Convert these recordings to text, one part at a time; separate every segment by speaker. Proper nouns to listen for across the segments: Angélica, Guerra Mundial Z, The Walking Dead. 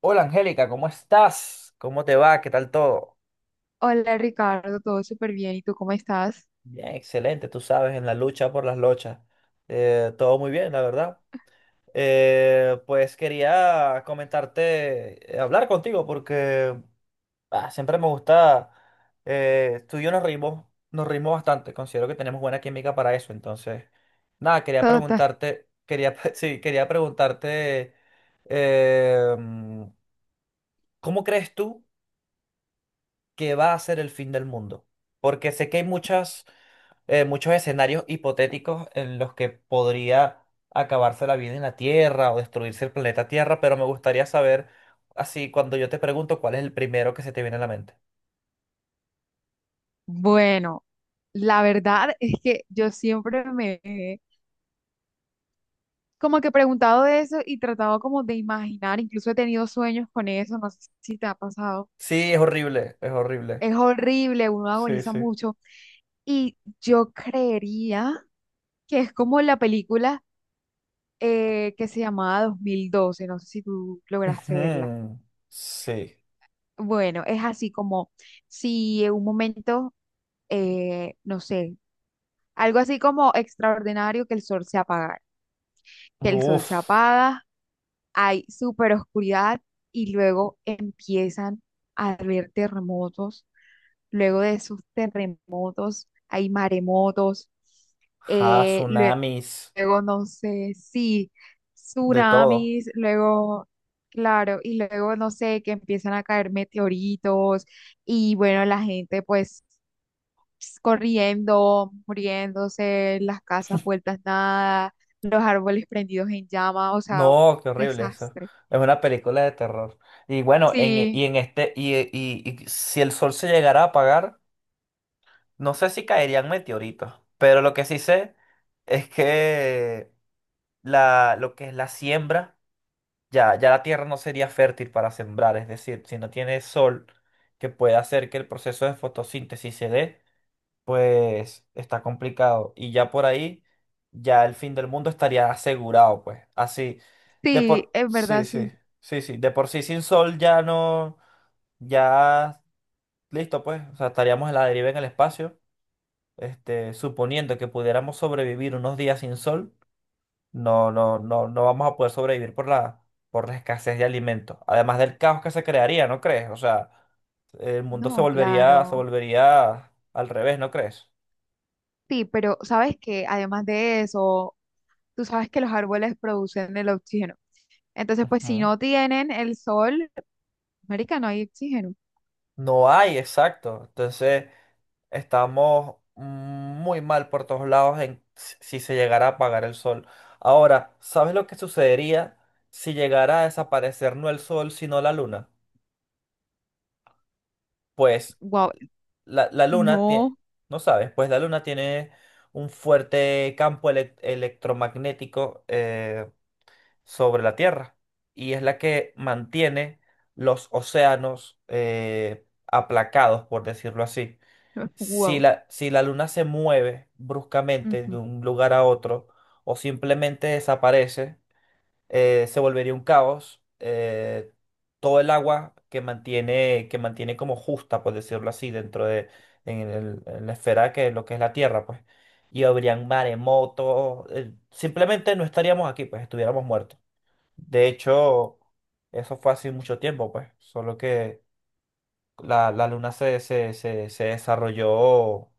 Speaker 1: Hola Angélica, ¿cómo estás? ¿Cómo te va? ¿Qué tal todo?
Speaker 2: Hola Ricardo, todo súper bien. ¿Y tú cómo estás?
Speaker 1: Bien, excelente, tú sabes, en la lucha por las lochas. Todo muy bien, la verdad. Pues quería comentarte, hablar contigo porque siempre me gusta, tú y yo nos reímos, bastante, considero que tenemos buena química para eso, entonces, nada, quería
Speaker 2: Total.
Speaker 1: preguntarte, sí, quería preguntarte, eh, ¿cómo crees tú que va a ser el fin del mundo? Porque sé que hay muchos escenarios hipotéticos en los que podría acabarse la vida en la Tierra o destruirse el planeta Tierra, pero me gustaría saber, así, cuando yo te pregunto, ¿cuál es el primero que se te viene a la mente?
Speaker 2: Bueno, la verdad es que yo siempre me he como que preguntado de eso y tratado como de imaginar, incluso he tenido sueños con eso, no sé si te ha pasado.
Speaker 1: Sí, es horrible, es horrible.
Speaker 2: Es horrible, uno
Speaker 1: Sí,
Speaker 2: agoniza
Speaker 1: sí.
Speaker 2: mucho. Y yo creería que es como la película que se llamaba 2012. No sé si tú lograste verla.
Speaker 1: Ujú, sí.
Speaker 2: Bueno, es así como si en un momento, no sé. Algo así como extraordinario que el sol se apaga, que el sol
Speaker 1: Uf.
Speaker 2: se apaga, hay súper oscuridad y luego empiezan a haber terremotos. Luego de esos terremotos hay maremotos.
Speaker 1: Ja,
Speaker 2: eh, lue-
Speaker 1: tsunamis.
Speaker 2: Luego, no sé, sí,
Speaker 1: De todo.
Speaker 2: tsunamis, luego, claro, y luego, no sé, que empiezan a caer meteoritos y bueno, la gente pues ps, corriendo, muriéndose, las casas vueltas nada, los árboles prendidos en llama, o sea,
Speaker 1: No, qué horrible eso.
Speaker 2: desastre.
Speaker 1: Es una película de terror. Y bueno, en, e- y
Speaker 2: Sí,
Speaker 1: en este, y, e- y- y si el sol se llegara a apagar, no sé si caerían meteoritos, pero lo que sí sé es que lo que es la siembra, ya la tierra no sería fértil para sembrar. Es decir, si no tiene sol que pueda hacer que el proceso de fotosíntesis se dé, pues está complicado. Y ya por ahí, ya el fin del mundo estaría asegurado, pues. Así,
Speaker 2: sí, es
Speaker 1: Sí,
Speaker 2: verdad,
Speaker 1: sí,
Speaker 2: sí.
Speaker 1: sí, sí. De por sí sin sol ya no... Ya listo, pues. O sea, estaríamos en la deriva en el espacio. Este, suponiendo que pudiéramos sobrevivir unos días sin sol, no, no, no, no vamos a poder sobrevivir por la escasez de alimentos. Además del caos que se crearía, ¿no crees? O sea, el mundo
Speaker 2: No,
Speaker 1: se
Speaker 2: claro.
Speaker 1: volvería al revés, ¿no crees?
Speaker 2: Sí, pero sabes que además de eso, tú sabes que los árboles producen el oxígeno. Entonces, pues si
Speaker 1: Ujú.
Speaker 2: no tienen el sol, marica, no hay oxígeno.
Speaker 1: No hay, exacto. Entonces, estamos muy mal por todos lados en si se llegara a apagar el sol. Ahora, ¿sabes lo que sucedería si llegara a desaparecer no el sol, sino la luna? Pues
Speaker 2: Wow,
Speaker 1: la luna tiene,
Speaker 2: no,
Speaker 1: no sabes, pues la luna tiene un fuerte campo electromagnético, sobre la Tierra, y es la que mantiene los océanos, aplacados, por decirlo así.
Speaker 2: wow.
Speaker 1: Si la luna se mueve bruscamente de
Speaker 2: Ujú.
Speaker 1: un lugar a otro o simplemente desaparece, se volvería un caos. Todo el agua que mantiene, como justa, por decirlo así, dentro de en la esfera que es lo que es la Tierra, pues. Y habrían maremotos. Simplemente no estaríamos aquí, pues estuviéramos muertos. De hecho, eso fue hace mucho tiempo, pues. Solo que la luna se desarrolló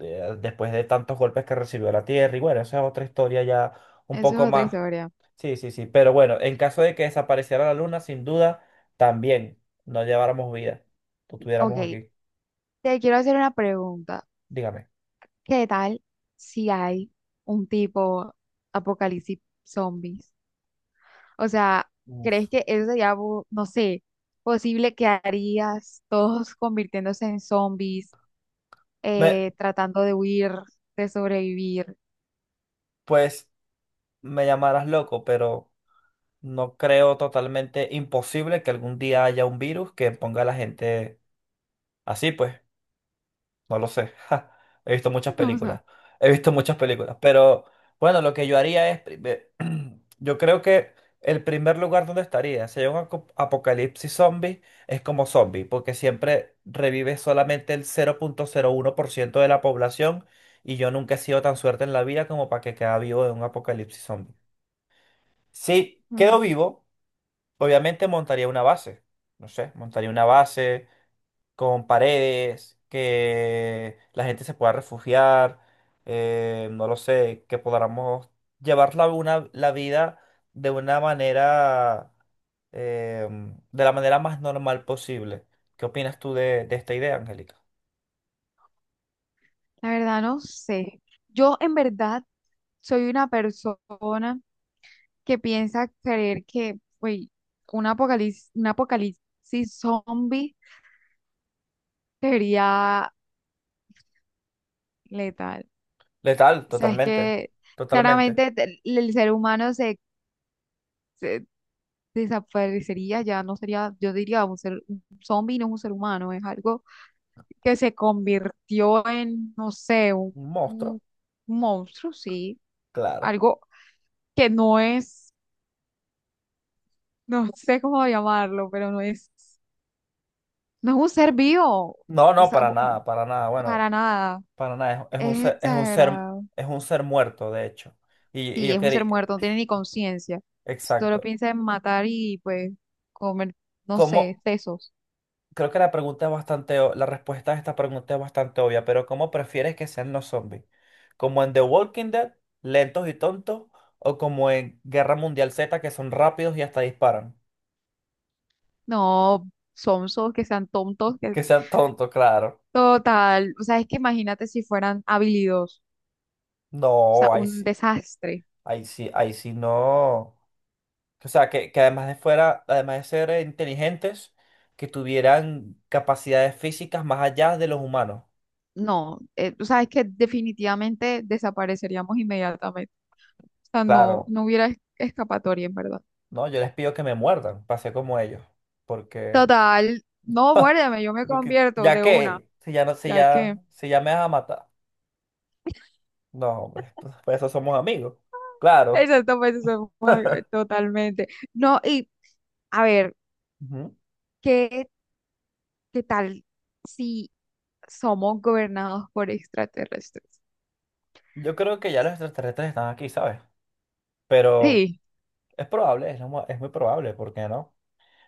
Speaker 1: después de tantos golpes que recibió la Tierra. Y bueno, esa es otra historia ya un
Speaker 2: Eso
Speaker 1: poco
Speaker 2: es otra
Speaker 1: más.
Speaker 2: historia.
Speaker 1: Sí, sí, sí. Pero bueno, en caso de que desapareciera la Luna, sin duda, también no lleváramos vida. No
Speaker 2: Ok,
Speaker 1: estuviéramos aquí.
Speaker 2: te quiero hacer una pregunta.
Speaker 1: Dígame.
Speaker 2: ¿Qué tal si hay un tipo apocalipsis zombies? O sea,
Speaker 1: Uf.
Speaker 2: ¿crees que eso sería, bu- no sé, posible que harías todos convirtiéndose en zombies,
Speaker 1: Me,
Speaker 2: tratando de huir, de sobrevivir?
Speaker 1: pues me llamarás loco, pero no creo totalmente imposible que algún día haya un virus que ponga a la gente así, pues. No lo sé. ja. He visto muchas
Speaker 2: No, o sea,
Speaker 1: películas. He visto muchas películas. Pero bueno, lo que yo haría es... Yo creo que el primer lugar donde estaría, si hay un apocalipsis zombie, es como zombie, porque siempre revive solamente el 0,01% de la población, y yo nunca he sido tan suerte en la vida como para que quede vivo en un apocalipsis zombie. Si
Speaker 2: mm,
Speaker 1: quedo vivo, obviamente montaría una base. No sé, montaría una base con paredes, que la gente se pueda refugiar, no lo sé, que podamos llevar la vida de una manera, eh, de la manera más normal posible. ¿Qué opinas tú de esta idea, Angélica?
Speaker 2: la verdad no sé. Yo en verdad soy una persona que piensa creer que, güey, un apocalipsis zombie sería letal.
Speaker 1: Letal,
Speaker 2: O sea, es
Speaker 1: totalmente,
Speaker 2: que
Speaker 1: totalmente.
Speaker 2: claramente te- el ser humano se, se desaparecería, ya no sería, yo diría, un ser, un zombie no es un ser humano, es algo que se convirtió en, no sé,
Speaker 1: Un monstruo,
Speaker 2: un monstruo, sí,
Speaker 1: claro.
Speaker 2: algo que no es, no sé cómo llamarlo, pero no es, no es un ser vivo,
Speaker 1: No,
Speaker 2: o
Speaker 1: no,
Speaker 2: sea, bu-
Speaker 1: para nada, bueno,
Speaker 2: para nada,
Speaker 1: para nada, es,
Speaker 2: es exagerado.
Speaker 1: es un ser muerto, de hecho. Y
Speaker 2: Sí,
Speaker 1: yo
Speaker 2: es un ser
Speaker 1: quería,
Speaker 2: muerto, no tiene ni conciencia. Solo
Speaker 1: exacto.
Speaker 2: piensa en matar y pues comer, no
Speaker 1: ¿Cómo?
Speaker 2: sé, sesos.
Speaker 1: Creo que la respuesta a esta pregunta es bastante obvia, pero ¿cómo prefieres que sean los zombies? ¿Como en The Walking Dead, lentos y tontos? ¿O como en Guerra Mundial Z, que son rápidos y hasta disparan?
Speaker 2: No, sonsos, que sean tontos, que
Speaker 1: Que sean tontos, claro.
Speaker 2: total. O sea, es que imagínate si fueran habilidosos. O sea,
Speaker 1: No, ahí
Speaker 2: un
Speaker 1: sí,
Speaker 2: desastre.
Speaker 1: ahí sí, ahí sí no. O sea, que además de ser inteligentes, que tuvieran capacidades físicas más allá de los humanos.
Speaker 2: No, o sea, es que definitivamente desapareceríamos inmediatamente. O sea, no,
Speaker 1: Claro,
Speaker 2: no hubiera es- escapatoria, en verdad.
Speaker 1: no, yo les pido que me muerdan, pase como ellos, porque...
Speaker 2: Total, no, muérdeme, yo me
Speaker 1: Porque
Speaker 2: convierto
Speaker 1: ya
Speaker 2: de una,
Speaker 1: que,
Speaker 2: ya que.
Speaker 1: si ya me vas a matar. No, hombre, pues, por eso somos amigos. Claro.
Speaker 2: Exacto, pues eso fue totalmente. No, y a ver,
Speaker 1: Ujú.
Speaker 2: ¿qué, qué tal si somos gobernados por extraterrestres?
Speaker 1: Yo creo que ya los extraterrestres están aquí, ¿sabes? Pero
Speaker 2: Sí.
Speaker 1: es probable, es muy probable, ¿por qué no?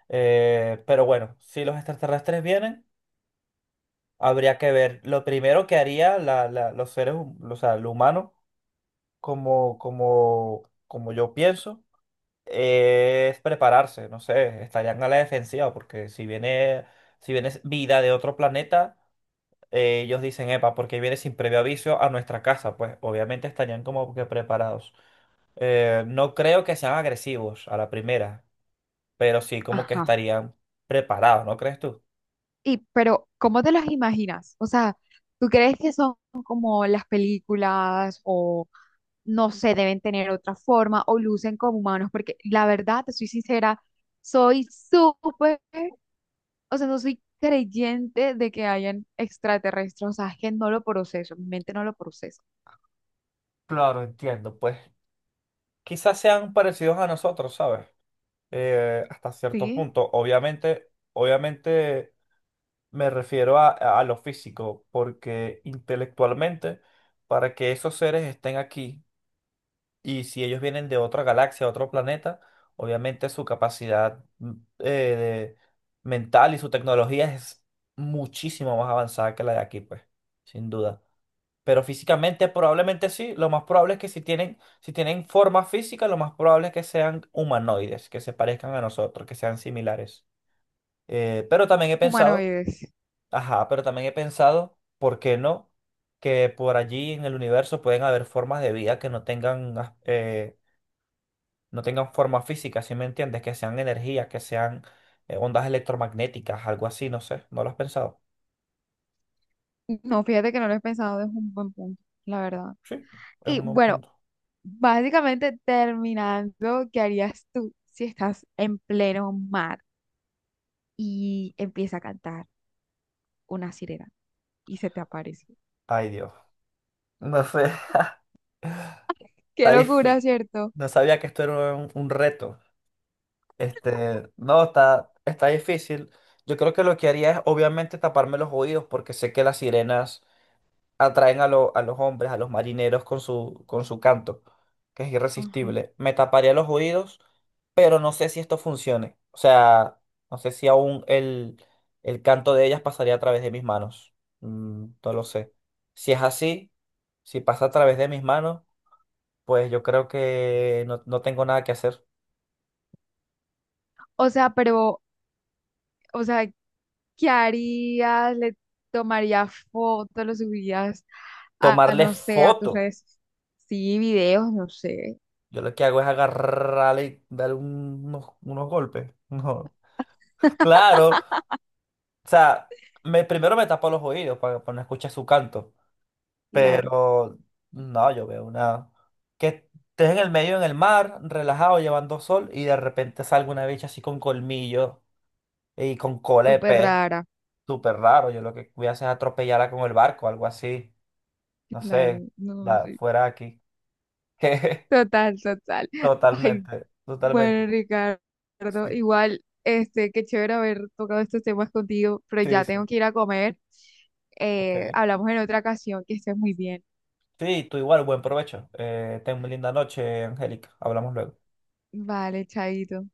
Speaker 1: Pero bueno, si los extraterrestres vienen, habría que ver. Lo primero que haría los seres, o sea, el humano, como yo pienso. Es prepararse, no sé, estarían a la defensiva, porque si viene vida de otro planeta, ellos dicen, epa, porque viene sin previo aviso a nuestra casa, pues obviamente estarían como que preparados. No creo que sean agresivos a la primera, pero sí como que
Speaker 2: Ajá.
Speaker 1: estarían preparados, ¿no crees tú?
Speaker 2: Y, pero, ¿cómo te los imaginas? O sea, ¿tú crees que son como las películas o no sé, deben tener otra forma o lucen como humanos? Porque la verdad, te soy sincera, soy súper o sea, no soy creyente de que hayan extraterrestres, o sea, es que no lo proceso, mi mente no lo procesa,
Speaker 1: Claro, entiendo, pues. Quizás sean parecidos a nosotros, ¿sabes? Hasta cierto
Speaker 2: ¿sí?
Speaker 1: punto, obviamente, obviamente. Me refiero a lo físico, porque intelectualmente, para que esos seres estén aquí, y si ellos vienen de otra galaxia, otro planeta, obviamente su capacidad eh, de- mental y su tecnología es muchísimo más avanzada que la de aquí, pues, sin duda. Pero físicamente probablemente sí, lo más probable es que si tienen forma física, lo más probable es que sean humanoides, que se parezcan a nosotros, que sean similares. Pero también he pensado
Speaker 2: Humanoides.
Speaker 1: ajá, pero también he pensado, ¿por qué no? Que por allí en el universo pueden haber formas de vida que no tengan, no tengan forma física, ¿sí me entiendes? Que sean energía, que sean ondas electromagnéticas, algo así, no sé, ¿no lo has pensado?
Speaker 2: No, fíjate que no lo he pensado, es un buen punto, la verdad.
Speaker 1: Sí, es
Speaker 2: Y
Speaker 1: un buen
Speaker 2: bueno,
Speaker 1: punto.
Speaker 2: básicamente terminando, ¿qué harías tú si estás en pleno mar y empieza a cantar una sirena y se te aparece?
Speaker 1: Ay, Dios, no sé,
Speaker 2: Qué
Speaker 1: está
Speaker 2: locura,
Speaker 1: difícil.
Speaker 2: ¿cierto?
Speaker 1: No sabía que esto era un reto. Este, no, está difícil. Yo creo que lo que haría es obviamente taparme los oídos porque sé que las sirenas atraen a los hombres, a los marineros con su canto, que es
Speaker 2: Ajá.
Speaker 1: irresistible. Me taparía los oídos, pero no sé si esto funcione. O sea, no sé si aún el canto de ellas pasaría a través de mis manos. Mm, no lo sé. Si es así, si pasa a través de mis manos, pues yo creo que no, no tengo nada que hacer.
Speaker 2: O sea, pero o sea, ¿qué harías? ¿Le tomarías fotos? ¿Lo subirías a,
Speaker 1: Tomarle
Speaker 2: no sé, a tus
Speaker 1: foto.
Speaker 2: redes? Sí, videos, no sé.
Speaker 1: Yo lo que hago es agarrarle y darle unos golpes. No. Claro. O sea, primero me tapo los oídos para no escuchar su canto.
Speaker 2: Claro,
Speaker 1: Pero no, yo veo una. Que estés en el medio, en el mar, relajado, llevando sol, y de repente salga una bicha así con colmillo y con cola de
Speaker 2: súper
Speaker 1: pez.
Speaker 2: rara.
Speaker 1: Súper raro. Yo lo que voy a hacer es atropellarla con el barco, algo así. No sé,
Speaker 2: Claro, no
Speaker 1: va,
Speaker 2: sé.
Speaker 1: fuera de aquí.
Speaker 2: Total, total. Ay,
Speaker 1: Totalmente,
Speaker 2: bueno,
Speaker 1: totalmente.
Speaker 2: Ricardo,
Speaker 1: Sí,
Speaker 2: igual, este, qué chévere haber tocado estos temas contigo, pero
Speaker 1: sí,
Speaker 2: ya tengo
Speaker 1: sí.
Speaker 2: que ir a comer.
Speaker 1: Ok.
Speaker 2: Hablamos en otra ocasión, que estés muy bien.
Speaker 1: Sí, tú igual, buen provecho. Ten una linda noche, Angélica. Hablamos luego.
Speaker 2: Vale, chaito.